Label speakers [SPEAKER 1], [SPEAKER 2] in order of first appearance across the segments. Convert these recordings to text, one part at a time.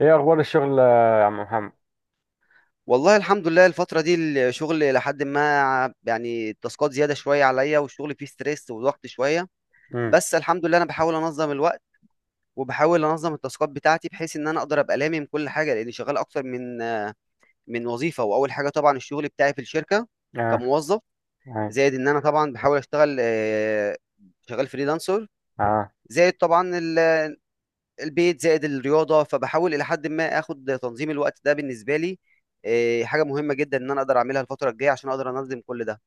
[SPEAKER 1] ايه اخبار الشغل يا عم محمد؟
[SPEAKER 2] والله الحمد لله الفترة دي الشغل لحد ما يعني التاسكات زيادة شوية عليا والشغل فيه ستريس وضغط شوية.
[SPEAKER 1] امم.
[SPEAKER 2] بس الحمد لله أنا بحاول أنظم الوقت وبحاول أنظم التاسكات بتاعتي بحيث إن أنا أقدر أبقى لامم كل حاجة لأني شغال أكتر من وظيفة، وأول حاجة طبعا الشغل بتاعي في الشركة
[SPEAKER 1] اه.
[SPEAKER 2] كموظف،
[SPEAKER 1] اه.
[SPEAKER 2] زائد إن أنا طبعا بحاول أشتغل، شغال فريلانسر،
[SPEAKER 1] اه.
[SPEAKER 2] زائد طبعا البيت، زائد الرياضه. فبحاول الى حد ما اخد تنظيم الوقت ده بالنسبه لي. حاجه مهمه جدا ان انا اقدر اعملها الفتره الجايه عشان اقدر انظم كل ده.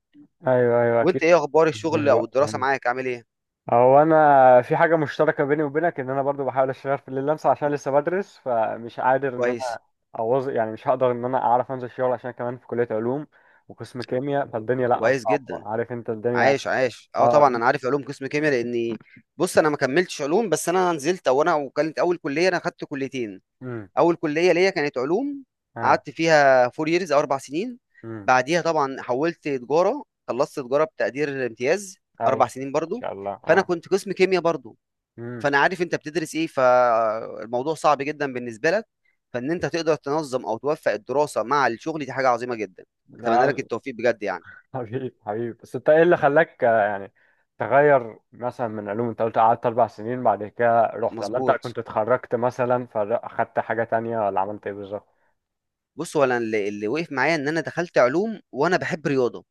[SPEAKER 1] ايوه ايوه
[SPEAKER 2] وانت
[SPEAKER 1] اكيد.
[SPEAKER 2] ايه اخبار
[SPEAKER 1] من
[SPEAKER 2] الشغل او
[SPEAKER 1] الوقت
[SPEAKER 2] الدراسه،
[SPEAKER 1] يعني.
[SPEAKER 2] معاك عامل ايه؟
[SPEAKER 1] هو انا في حاجه مشتركه بيني وبينك، ان انا برضو بحاول اشتغل في الليلانس عشان لسه بدرس، فمش قادر ان انا
[SPEAKER 2] كويس.
[SPEAKER 1] اوظ، يعني مش هقدر ان انا اعرف انزل شغل عشان كمان في كليه علوم وقسم كيمياء، فالدنيا لا
[SPEAKER 2] كويس
[SPEAKER 1] صعبه،
[SPEAKER 2] جدا.
[SPEAKER 1] عارف انت الدنيا.
[SPEAKER 2] عايش عايش. اه،
[SPEAKER 1] اه.
[SPEAKER 2] طبعا انا عارف علوم قسم كيمياء، لاني بص انا ما كملتش علوم، بس انا نزلت او انا وكانت اول كليه انا خدت كليتين.
[SPEAKER 1] امم.
[SPEAKER 2] اول كليه ليا كانت علوم،
[SPEAKER 1] اه.
[SPEAKER 2] قعدت فيها فور ييرز او اربع سنين،
[SPEAKER 1] امم.
[SPEAKER 2] بعديها طبعا حولت تجاره، خلصت تجاره بتقدير امتياز،
[SPEAKER 1] اي،
[SPEAKER 2] اربع سنين
[SPEAKER 1] ان
[SPEAKER 2] برضو.
[SPEAKER 1] شاء الله.
[SPEAKER 2] فانا
[SPEAKER 1] اه.
[SPEAKER 2] كنت قسم كيمياء برضو، فانا عارف انت بتدرس ايه، فالموضوع صعب جدا بالنسبه لك. فان انت تقدر تنظم او توفق الدراسه مع الشغل، دي حاجه عظيمه جدا. اتمنى لك
[SPEAKER 1] امم.
[SPEAKER 2] التوفيق بجد يعني.
[SPEAKER 1] حبيبي حبيبي، بس انت ايه اللي خلاك يعني تغير مثلا من علوم؟ انت قلت قعدت اربع سنين بعد كده رحت، ولا انت
[SPEAKER 2] مظبوط.
[SPEAKER 1] كنت اتخرجت مثلا فاخدت حاجة تانية، ولا عملت ايه بالظبط؟
[SPEAKER 2] بص هو انا اللي وقف معايا ان انا دخلت علوم وانا بحب رياضه،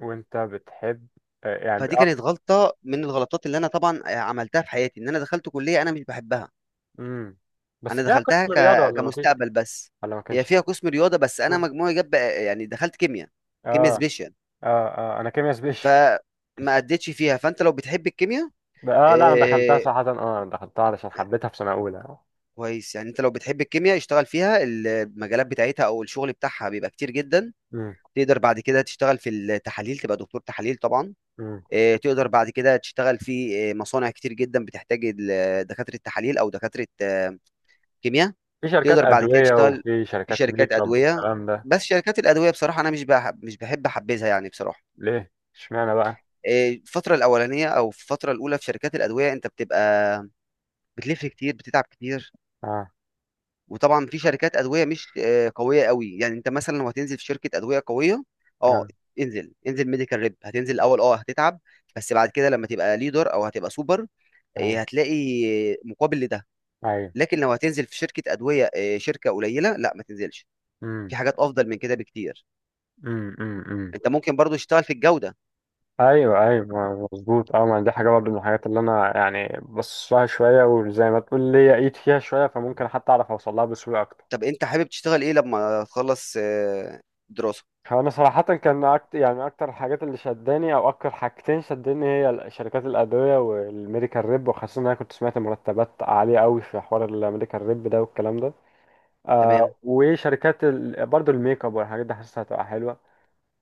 [SPEAKER 1] وانت بتحب؟ يعني
[SPEAKER 2] فدي
[SPEAKER 1] اه.
[SPEAKER 2] كانت غلطه من الغلطات اللي انا طبعا عملتها في حياتي، ان انا دخلت كليه انا مش بحبها.
[SPEAKER 1] امم. بس
[SPEAKER 2] انا
[SPEAKER 1] فيها
[SPEAKER 2] دخلتها
[SPEAKER 1] قسم رياضة ولا ما فيش؟
[SPEAKER 2] كمستقبل بس.
[SPEAKER 1] ولا ما كانش
[SPEAKER 2] هي
[SPEAKER 1] فيه؟
[SPEAKER 2] فيها قسم رياضه بس انا
[SPEAKER 1] اه.
[SPEAKER 2] مجموعي جاب يعني دخلت كيمياء، كيمياء
[SPEAKER 1] اه.
[SPEAKER 2] سبيشال.
[SPEAKER 1] اه انا كيميا سبيش.
[SPEAKER 2] فما اديتش فيها. فانت لو بتحب الكيمياء،
[SPEAKER 1] اه لا، انا دخلتها
[SPEAKER 2] إيه...
[SPEAKER 1] صراحة، اه انا دخلتها علشان حبيتها في سنة اولى.
[SPEAKER 2] كويس، يعني انت لو بتحب الكيمياء اشتغل فيها، المجالات بتاعتها او الشغل بتاعها بيبقى كتير جدا.
[SPEAKER 1] امم.
[SPEAKER 2] تقدر بعد كده تشتغل في التحاليل، تبقى دكتور تحاليل طبعا.
[SPEAKER 1] امم.
[SPEAKER 2] تقدر بعد كده تشتغل في مصانع كتير جدا بتحتاج دكاتره التحاليل او دكاتره كيمياء.
[SPEAKER 1] في شركات
[SPEAKER 2] تقدر بعد كده
[SPEAKER 1] ادوية
[SPEAKER 2] تشتغل
[SPEAKER 1] وفي
[SPEAKER 2] في
[SPEAKER 1] شركات
[SPEAKER 2] شركات
[SPEAKER 1] ميك اب
[SPEAKER 2] ادويه.
[SPEAKER 1] والكلام ده.
[SPEAKER 2] بس شركات الادويه بصراحه انا مش بحب احبذها يعني بصراحه.
[SPEAKER 1] ليه اشمعنى بقى؟
[SPEAKER 2] الفتره الاولانيه او في الفتره الاولى في شركات الادويه انت بتبقى بتلف كتير، بتتعب كتير.
[SPEAKER 1] اه.
[SPEAKER 2] وطبعا في شركات ادويه مش قويه قوي. يعني انت مثلا لو هتنزل في شركه ادويه قويه، اه
[SPEAKER 1] اه.
[SPEAKER 2] انزل انزل ميديكال ريب. هتنزل الاول اه هتتعب، بس بعد كده لما تبقى ليدر او هتبقى سوبر،
[SPEAKER 1] آه.
[SPEAKER 2] هتلاقي مقابل لده.
[SPEAKER 1] ايوه.
[SPEAKER 2] لكن لو هتنزل في شركه ادويه شركه قليله، لا ما تنزلش،
[SPEAKER 1] امم
[SPEAKER 2] في حاجات افضل من كده بكتير.
[SPEAKER 1] أمم.
[SPEAKER 2] انت ممكن برضو تشتغل في الجودة.
[SPEAKER 1] ايوه ايوه مظبوط، اه، ما دي حاجه برضه من الحاجات اللي انا يعني بص لها شويه، وزي ما تقول ليا ايد فيها شويه، فممكن حتى اعرف اوصل لها بسهوله اكتر.
[SPEAKER 2] طب انت حابب تشتغل ايه لما تخلص دراسة؟
[SPEAKER 1] هو انا صراحه كان أكتر، يعني اكتر الحاجات اللي شداني او اكتر حاجتين شدني هي شركات الادويه والميديكال ريب، وخاصه ان انا كنت سمعت مرتبات عاليه قوي في حوار الميديكال ريب ده والكلام ده.
[SPEAKER 2] تمام.
[SPEAKER 1] وشركات برضه الميك اب والحاجات دي، حاسسها هتبقى حلوه.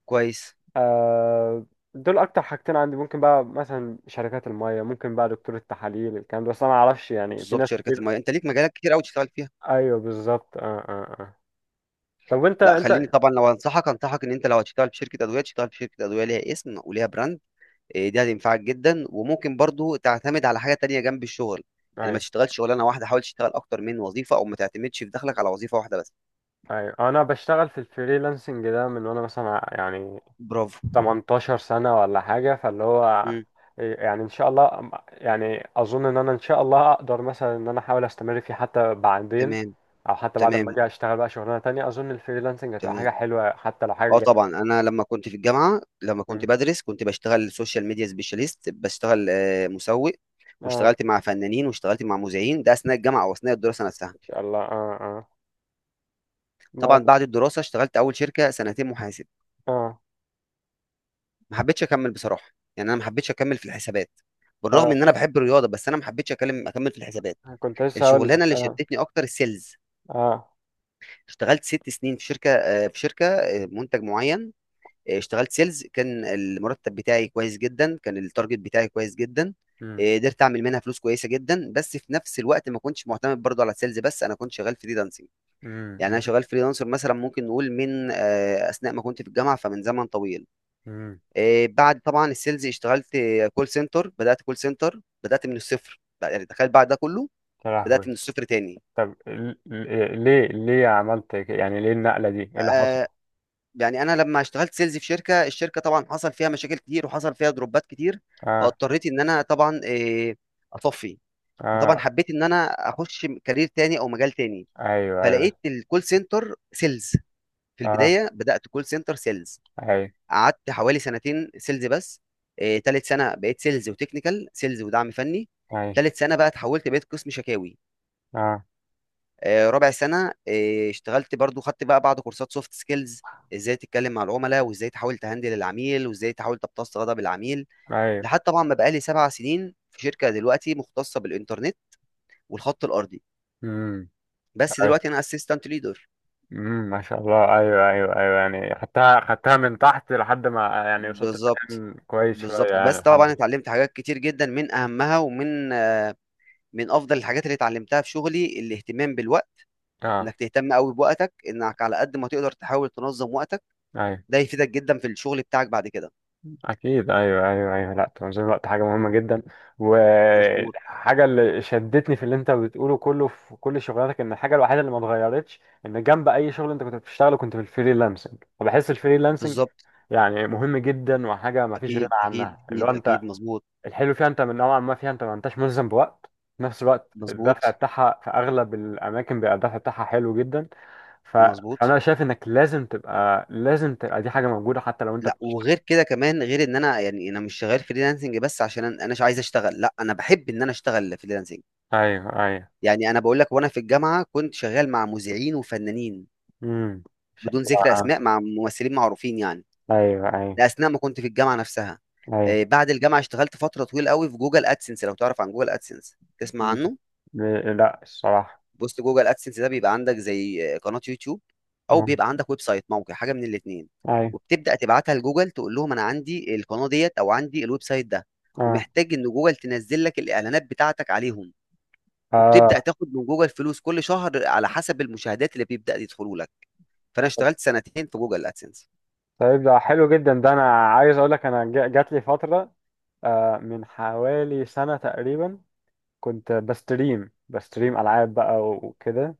[SPEAKER 2] كويس.
[SPEAKER 1] آه، دول اكتر حاجتين عندي. ممكن بقى مثلا شركات المية، ممكن بقى دكتور التحاليل، الكلام ده، بس انا ما اعرفش، يعني في
[SPEAKER 2] بالظبط،
[SPEAKER 1] ناس
[SPEAKER 2] شركات
[SPEAKER 1] كتير.
[SPEAKER 2] المياه انت ليك مجالات كتير قوي تشتغل فيها.
[SPEAKER 1] ايوه بالظبط. اه اه اه. طب وانت
[SPEAKER 2] لا خليني
[SPEAKER 1] انت
[SPEAKER 2] طبعا لو انصحك ان انت لو هتشتغل في شركة ادوية تشتغل في شركة ادوية ليها اسم وليها براند. دي هتنفعك جدا، وممكن برضو تعتمد على حاجة تانية جنب الشغل. يعني ما
[SPEAKER 1] ايوه
[SPEAKER 2] تشتغلش شغلانة واحدة، حاول تشتغل اكتر من وظيفة، او ما تعتمدش في دخلك على وظيفة واحدة بس.
[SPEAKER 1] ايوه، انا بشتغل في الفريلانسنج ده من وانا مثلا يعني
[SPEAKER 2] برافو.
[SPEAKER 1] 18 سنة ولا حاجة، فاللي هو
[SPEAKER 2] مم.
[SPEAKER 1] يعني ان شاء الله، يعني اظن ان انا ان شاء الله اقدر مثلا ان انا احاول استمر فيه حتى بعدين،
[SPEAKER 2] تمام.
[SPEAKER 1] او حتى بعد
[SPEAKER 2] تمام.
[SPEAKER 1] ما اجي اشتغل بقى شغلانة تانية، اظن الفريلانسنج هتبقى حاجة
[SPEAKER 2] تمام.
[SPEAKER 1] حلوة حتى لو حاجة
[SPEAKER 2] اه طبعا
[SPEAKER 1] جانبية.
[SPEAKER 2] انا لما كنت في الجامعه، لما كنت
[SPEAKER 1] مم.
[SPEAKER 2] بدرس كنت بشتغل سوشيال ميديا سبيشاليست، بشتغل مسوق.
[SPEAKER 1] اه
[SPEAKER 2] واشتغلت مع فنانين واشتغلت مع مذيعين، ده اثناء الجامعه واثناء الدراسه نفسها.
[SPEAKER 1] ان شاء الله. اه اه. ما
[SPEAKER 2] طبعا بعد الدراسه اشتغلت اول شركه سنتين محاسب،
[SPEAKER 1] اه
[SPEAKER 2] ما حبيتش اكمل بصراحه. يعني انا ما حبيتش اكمل في الحسابات، بالرغم
[SPEAKER 1] اه
[SPEAKER 2] ان انا بحب الرياضه، بس انا ما حبيتش اكمل في الحسابات.
[SPEAKER 1] كنت لسه هقول لك.
[SPEAKER 2] الشغلانه اللي
[SPEAKER 1] اه.
[SPEAKER 2] شدتني اكتر السيلز.
[SPEAKER 1] اه.
[SPEAKER 2] اشتغلت ست سنين في شركه منتج معين. اشتغلت سيلز، كان المرتب بتاعي كويس جدا، كان التارجت بتاعي كويس جدا.
[SPEAKER 1] امم
[SPEAKER 2] قدرت اعمل منها فلوس كويسه جدا، بس في نفس الوقت ما كنتش معتمد برضو على السيلز بس، انا كنت شغال فريلانسنج.
[SPEAKER 1] امم
[SPEAKER 2] يعني انا
[SPEAKER 1] امم
[SPEAKER 2] شغال فريلانسر مثلا، ممكن نقول من اثناء ما كنت في الجامعه، فمن زمن طويل.
[SPEAKER 1] أمم.
[SPEAKER 2] بعد طبعا السيلز اشتغلت كول سنتر بدات من الصفر، يعني تخيل بعد ده كله
[SPEAKER 1] يا
[SPEAKER 2] بدات
[SPEAKER 1] لهوي.
[SPEAKER 2] من الصفر تاني.
[SPEAKER 1] طب ليه عملت كده، يعني ليه النقلة دي، ايه اللي حصل؟
[SPEAKER 2] آه، يعني انا لما اشتغلت سيلز في الشركه طبعا حصل فيها مشاكل كتير وحصل فيها دروبات كتير،
[SPEAKER 1] اه.
[SPEAKER 2] فاضطريت ان انا طبعا اطفي. فطبعا
[SPEAKER 1] اه.
[SPEAKER 2] حبيت ان انا اخش كارير تاني او مجال تاني،
[SPEAKER 1] ايوه. ايوه.
[SPEAKER 2] فلقيت الكول سنتر سيلز. في
[SPEAKER 1] اه.
[SPEAKER 2] البدايه بدات كول سنتر سيلز،
[SPEAKER 1] ايوه.
[SPEAKER 2] قعدت حوالي سنتين سيلز بس. تالت سنه بقيت سيلز وتكنيكال سيلز ودعم فني.
[SPEAKER 1] ايوه.
[SPEAKER 2] تالت سنه بقى اتحولت بقيت قسم شكاوي
[SPEAKER 1] اه.
[SPEAKER 2] ربع سنة. اشتغلت برضو، خدت بقى بعض كورسات سوفت سكيلز، ازاي تتكلم مع العملاء وازاي تحاول تهندل العميل وازاي تحاول تمتص غضب العميل،
[SPEAKER 1] ايوه.
[SPEAKER 2] لحد طبعا ما بقالي سبع سنين في شركة دلوقتي مختصة بالإنترنت والخط الأرضي،
[SPEAKER 1] امم.
[SPEAKER 2] بس
[SPEAKER 1] ايوه.
[SPEAKER 2] دلوقتي أنا اسيستنت ليدر.
[SPEAKER 1] ما شاء الله، ايوه ايوه ايوه، يعني خدتها من تحت لحد ما يعني وصلت
[SPEAKER 2] بالظبط.
[SPEAKER 1] مكان كويس
[SPEAKER 2] بالظبط،
[SPEAKER 1] شوية، يعني
[SPEAKER 2] بس
[SPEAKER 1] الحمد
[SPEAKER 2] طبعا
[SPEAKER 1] لله.
[SPEAKER 2] اتعلمت حاجات كتير جدا، من أهمها ومن من أفضل الحاجات اللي اتعلمتها في شغلي الاهتمام بالوقت،
[SPEAKER 1] اه
[SPEAKER 2] انك تهتم قوي بوقتك، انك على قد ما تقدر تحاول تنظم وقتك،
[SPEAKER 1] ايوه
[SPEAKER 2] ده يفيدك جدا في الشغل بتاعك بعد كده.
[SPEAKER 1] أكيد، أيوه أيوه أيوه، لأ تنظيم الوقت حاجة مهمة جدا.
[SPEAKER 2] مظبوط.
[SPEAKER 1] وحاجة اللي شدتني في اللي أنت بتقوله كله في كل شغلاتك إن الحاجة الوحيدة اللي ما اتغيرتش إن جنب أي شغل أنت كنت بتشتغله، كنت في الفريلانسنج، وبحس الفريلانسنج
[SPEAKER 2] بالظبط.
[SPEAKER 1] يعني مهم جدا، وحاجة ما فيش غنى
[SPEAKER 2] اكيد، اكيد،
[SPEAKER 1] عنها. اللي هو
[SPEAKER 2] اكيد،
[SPEAKER 1] أنت
[SPEAKER 2] اكيد، مظبوط.
[SPEAKER 1] الحلو فيها، أنت من نوعا ما فيها أنت ما أنتش ملزم بوقت، في نفس الوقت الدفع
[SPEAKER 2] مظبوط.
[SPEAKER 1] بتاعها في أغلب الأماكن بيبقى الدفع بتاعها حلو جدا. ف...
[SPEAKER 2] مظبوط.
[SPEAKER 1] فأنا شايف إنك لازم تبقى دي حاجة موجودة حتى لو أنت
[SPEAKER 2] لا،
[SPEAKER 1] بتشتغل.
[SPEAKER 2] وغير كده كمان، غير ان انا يعني انا مش شغال فريلانسنج بس عشان انا أناش عايز اشتغل، لا انا بحب ان انا اشتغل فريلانسنج.
[SPEAKER 1] أيوه أيوه.
[SPEAKER 2] يعني انا بقول لك، وانا في الجامعه كنت شغال مع مذيعين وفنانين،
[SPEAKER 1] امم
[SPEAKER 2] بدون ذكر
[SPEAKER 1] شكلها.
[SPEAKER 2] اسماء، مع ممثلين معروفين يعني.
[SPEAKER 1] ايوه ايوه
[SPEAKER 2] ده اثناء ما كنت في الجامعه نفسها.
[SPEAKER 1] ايوه.
[SPEAKER 2] بعد الجامعه اشتغلت فتره طويله قوي في جوجل ادسنس. لو تعرف عن جوجل ادسنس تسمع
[SPEAKER 1] مم.
[SPEAKER 2] عنه،
[SPEAKER 1] لا الصراحه.
[SPEAKER 2] بوست جوجل ادسنس ده بيبقى عندك زي قناه يوتيوب او
[SPEAKER 1] اه.
[SPEAKER 2] بيبقى عندك ويب سايت، موقع، حاجه من الاثنين،
[SPEAKER 1] ايوه.
[SPEAKER 2] وبتبدا تبعتها لجوجل، تقول لهم انا عندي القناه ديت او عندي الويب سايت ده،
[SPEAKER 1] اه.
[SPEAKER 2] ومحتاج ان جوجل تنزل لك الاعلانات بتاعتك عليهم،
[SPEAKER 1] اه.
[SPEAKER 2] وبتبدا تاخد من جوجل فلوس كل شهر على حسب المشاهدات اللي بيبدا يدخلوا لك. فانا اشتغلت سنتين في جوجل ادسنس.
[SPEAKER 1] طيب ده حلو جدا، ده انا عايز اقول لك انا جات لي فتره، من حوالي سنه تقريبا كنت بستريم العاب بقى وكده،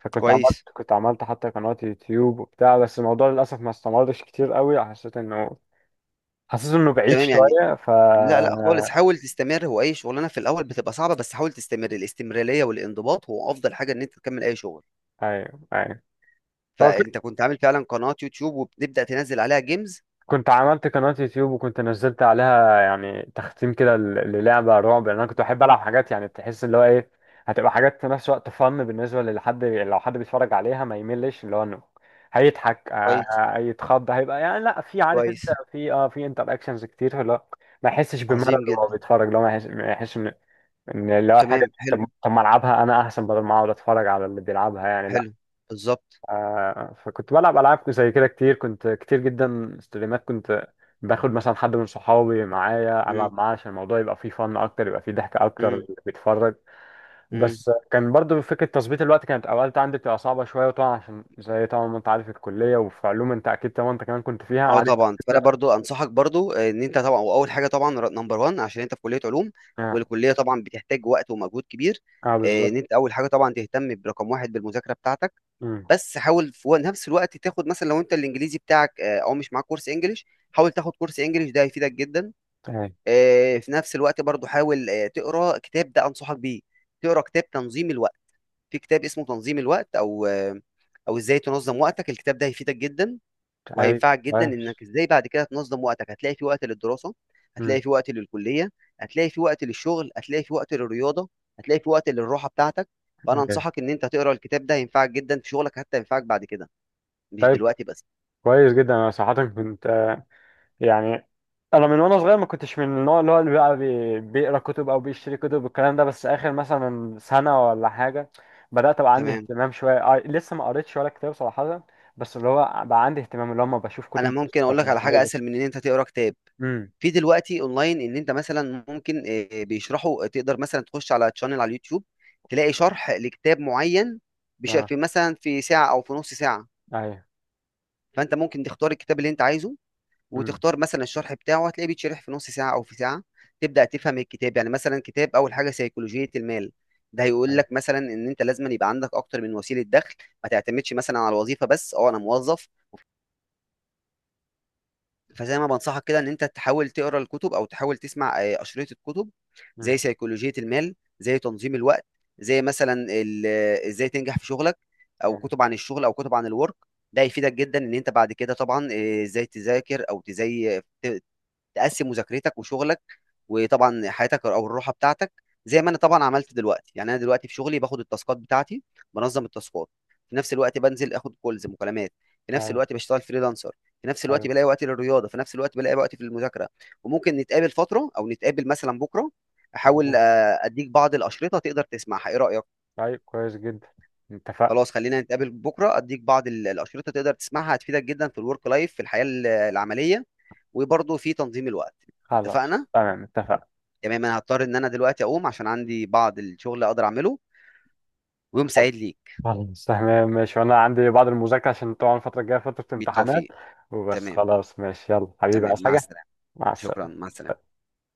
[SPEAKER 1] فكنت عملت
[SPEAKER 2] كويس.
[SPEAKER 1] كنت عملت حتى قناه يوتيوب وبتاع، بس الموضوع للاسف ما استمرش كتير قوي، حسيت انه بعيد
[SPEAKER 2] تمام يعني.
[SPEAKER 1] شويه
[SPEAKER 2] لا لا خالص، حاول تستمر، هو اي شغلانه في الاول بتبقى صعبه، بس حاول تستمر، الاستمراريه والانضباط هو افضل حاجه ان انت تكمل اي شغل.
[SPEAKER 1] ايوه ايوه. هو
[SPEAKER 2] فانت كنت عامل فعلا قناة يوتيوب وبتبدأ تنزل عليها جيمز.
[SPEAKER 1] كنت عملت قناة يوتيوب وكنت نزلت عليها يعني تختيم كده للعبة رعب، لأن أنا كنت بحب ألعب حاجات يعني تحس اللي هو إيه، هتبقى حاجات في نفس الوقت فن بالنسبة لحد، لو حد بيتفرج عليها ما يملش، اللي هو إنه هيضحك،
[SPEAKER 2] كويس.
[SPEAKER 1] هيتخض، هيبقى يعني لا، في عارف أنت
[SPEAKER 2] كويس.
[SPEAKER 1] في أه في انتر أكشنز كتير اللي هو ما يحسش بملل
[SPEAKER 2] عظيم
[SPEAKER 1] وهو
[SPEAKER 2] جدا.
[SPEAKER 1] بيتفرج، اللي هو ما يحسش إن إن اللي هو الحاجة،
[SPEAKER 2] تمام،
[SPEAKER 1] طب
[SPEAKER 2] حلو.
[SPEAKER 1] طب ما ألعبها أنا أحسن بدل ما أقعد أتفرج على اللي بيلعبها، يعني لا.
[SPEAKER 2] حلو. بالظبط.
[SPEAKER 1] فكنت بلعب العاب زي كده كتير، كنت كتير جدا ستريمات، كنت باخد مثلا حد من صحابي معايا العب
[SPEAKER 2] مم،
[SPEAKER 1] معاه عشان الموضوع يبقى فيه فن اكتر، يبقى فيه ضحك اكتر
[SPEAKER 2] مم.
[SPEAKER 1] اللي بيتفرج.
[SPEAKER 2] مم.
[SPEAKER 1] بس كان برضو فكره تظبيط الوقت كانت اوقات عندي بتبقى صعبه شويه، وطبعا عشان زي طبعا ما انت عارف الكليه، وفي علوم انت اكيد طبعا انت كمان كنت فيها
[SPEAKER 2] اه
[SPEAKER 1] عارف.
[SPEAKER 2] طبعا، فانا
[SPEAKER 1] انت.
[SPEAKER 2] برضو انصحك برضو ان انت طبعا، واول حاجه طبعا نمبر 1، عشان انت في كليه علوم،
[SPEAKER 1] اه.
[SPEAKER 2] والكليه طبعا بتحتاج وقت ومجهود كبير.
[SPEAKER 1] آه
[SPEAKER 2] ان
[SPEAKER 1] بالظبط.
[SPEAKER 2] انت اول حاجه طبعا تهتم برقم واحد بالمذاكره بتاعتك.
[SPEAKER 1] امم.
[SPEAKER 2] بس حاول في نفس الوقت تاخد مثلا لو انت الانجليزي بتاعك او مش معاك كورس انجليش، حاول تاخد كورس انجليش، ده هيفيدك جدا.
[SPEAKER 1] طيب
[SPEAKER 2] في نفس الوقت برضو حاول تقرا كتاب، ده انصحك بيه، تقرا كتاب تنظيم الوقت. في كتاب اسمه تنظيم الوقت او او ازاي تنظم وقتك. الكتاب ده هيفيدك جدا
[SPEAKER 1] طيب
[SPEAKER 2] وهينفعك جدا
[SPEAKER 1] كويس.
[SPEAKER 2] انك ازاي بعد كده تنظم وقتك. هتلاقي في وقت للدراسة، هتلاقي
[SPEAKER 1] امم.
[SPEAKER 2] في وقت للكلية، هتلاقي في وقت للشغل، هتلاقي في وقت للرياضة، هتلاقي في وقت للراحة بتاعتك. فانا
[SPEAKER 1] أوكي.
[SPEAKER 2] انصحك ان انت تقرا الكتاب ده، هينفعك جدا في شغلك حتى ينفعك بعد كده، مش
[SPEAKER 1] طيب
[SPEAKER 2] دلوقتي بس.
[SPEAKER 1] كويس جدا، انا صراحه كنت يعني انا من وانا صغير ما كنتش من النوع اللي هو اللي بقى بيقرا كتب او بيشتري كتب والكلام ده، بس اخر مثلا سنه ولا حاجه بدات ابقى عندي
[SPEAKER 2] تمام.
[SPEAKER 1] اهتمام شويه، لسه ما قريتش ولا كتاب صراحه، بس اللي هو بقى عندي اهتمام اللي هو ما بشوف
[SPEAKER 2] انا
[SPEAKER 1] كتب بس،
[SPEAKER 2] ممكن
[SPEAKER 1] طب
[SPEAKER 2] اقول لك
[SPEAKER 1] انا
[SPEAKER 2] على
[SPEAKER 1] عايز
[SPEAKER 2] حاجة اسهل من ان انت تقرا كتاب.
[SPEAKER 1] امم.
[SPEAKER 2] في دلوقتي اونلاين، ان انت مثلا ممكن بيشرحوا، تقدر مثلا تخش على تشانل على اليوتيوب تلاقي شرح لكتاب معين،
[SPEAKER 1] اه.
[SPEAKER 2] في مثلا في ساعة او في نص ساعة.
[SPEAKER 1] ايوه.
[SPEAKER 2] فانت ممكن تختار الكتاب اللي انت عايزه،
[SPEAKER 1] امم.
[SPEAKER 2] وتختار مثلا الشرح بتاعه هتلاقيه بيتشرح في نص ساعة او في ساعة، تبدأ تفهم الكتاب. يعني مثلا كتاب اول حاجة سيكولوجية المال، ده هيقول
[SPEAKER 1] ايوه.
[SPEAKER 2] لك مثلا ان انت لازم يبقى عندك اكتر من وسيله دخل، ما تعتمدش مثلا على الوظيفه بس، اه انا موظف. فزي ما بنصحك كده، ان انت تحاول تقرا الكتب او تحاول تسمع اشرطه الكتب، زي
[SPEAKER 1] امم.
[SPEAKER 2] سيكولوجيه المال، زي تنظيم الوقت، زي مثلا ازاي تنجح في شغلك، او
[SPEAKER 1] ايوه
[SPEAKER 2] كتب عن الشغل او كتب عن الورك. ده هيفيدك جدا ان انت بعد كده طبعا ازاي تذاكر او تقسم مذاكرتك وشغلك، وطبعًا حياتك أو الراحة بتاعتك، زي ما أنا طبعًا عملت دلوقتي. يعني أنا دلوقتي في شغلي باخد التاسكات بتاعتي، بانظم التاسكات، في نفس الوقت بانزل آخد calls مكالمات، في نفس
[SPEAKER 1] ايوه
[SPEAKER 2] الوقت باشتغل freelancer، في نفس الوقت
[SPEAKER 1] ايوه
[SPEAKER 2] بالاقي وقت للرياضة، في نفس الوقت بالاقي وقت في المذاكرة، وممكن نتقابل فترة أو نتقابل مثلًا بكرة، أحاول
[SPEAKER 1] تمام.
[SPEAKER 2] أدّيك بعض الأشرطة تقدر تسمعها، إيه رأيك؟
[SPEAKER 1] طيب كويس جدا، اتفقنا.
[SPEAKER 2] خلاص، خلّينا نتقابل بكرة أدّيك بعض الأشرطة تقدر تسمعها، هتفيدك جدًا في الwork life، في الحياة العملية، وبرضه في تنظيم الوقت،
[SPEAKER 1] خلاص
[SPEAKER 2] اتفقنا؟
[SPEAKER 1] تمام اتفقنا.
[SPEAKER 2] تمام، انا هضطر ان انا دلوقتي اقوم، عشان عندي بعض الشغل اقدر اعمله، ويوم سعيد ليك.
[SPEAKER 1] خلاص تمام ماشي، وانا عندي بعض المذاكرة عشان طبعا الفترة الجاية فترة امتحانات،
[SPEAKER 2] بالتوفيق.
[SPEAKER 1] وبس
[SPEAKER 2] تمام.
[SPEAKER 1] خلاص ماشي، يلا حبيبي
[SPEAKER 2] تمام،
[SPEAKER 1] عايز
[SPEAKER 2] مع
[SPEAKER 1] حاجة؟
[SPEAKER 2] السلامه.
[SPEAKER 1] مع
[SPEAKER 2] شكرا،
[SPEAKER 1] السلامة.
[SPEAKER 2] مع السلامه.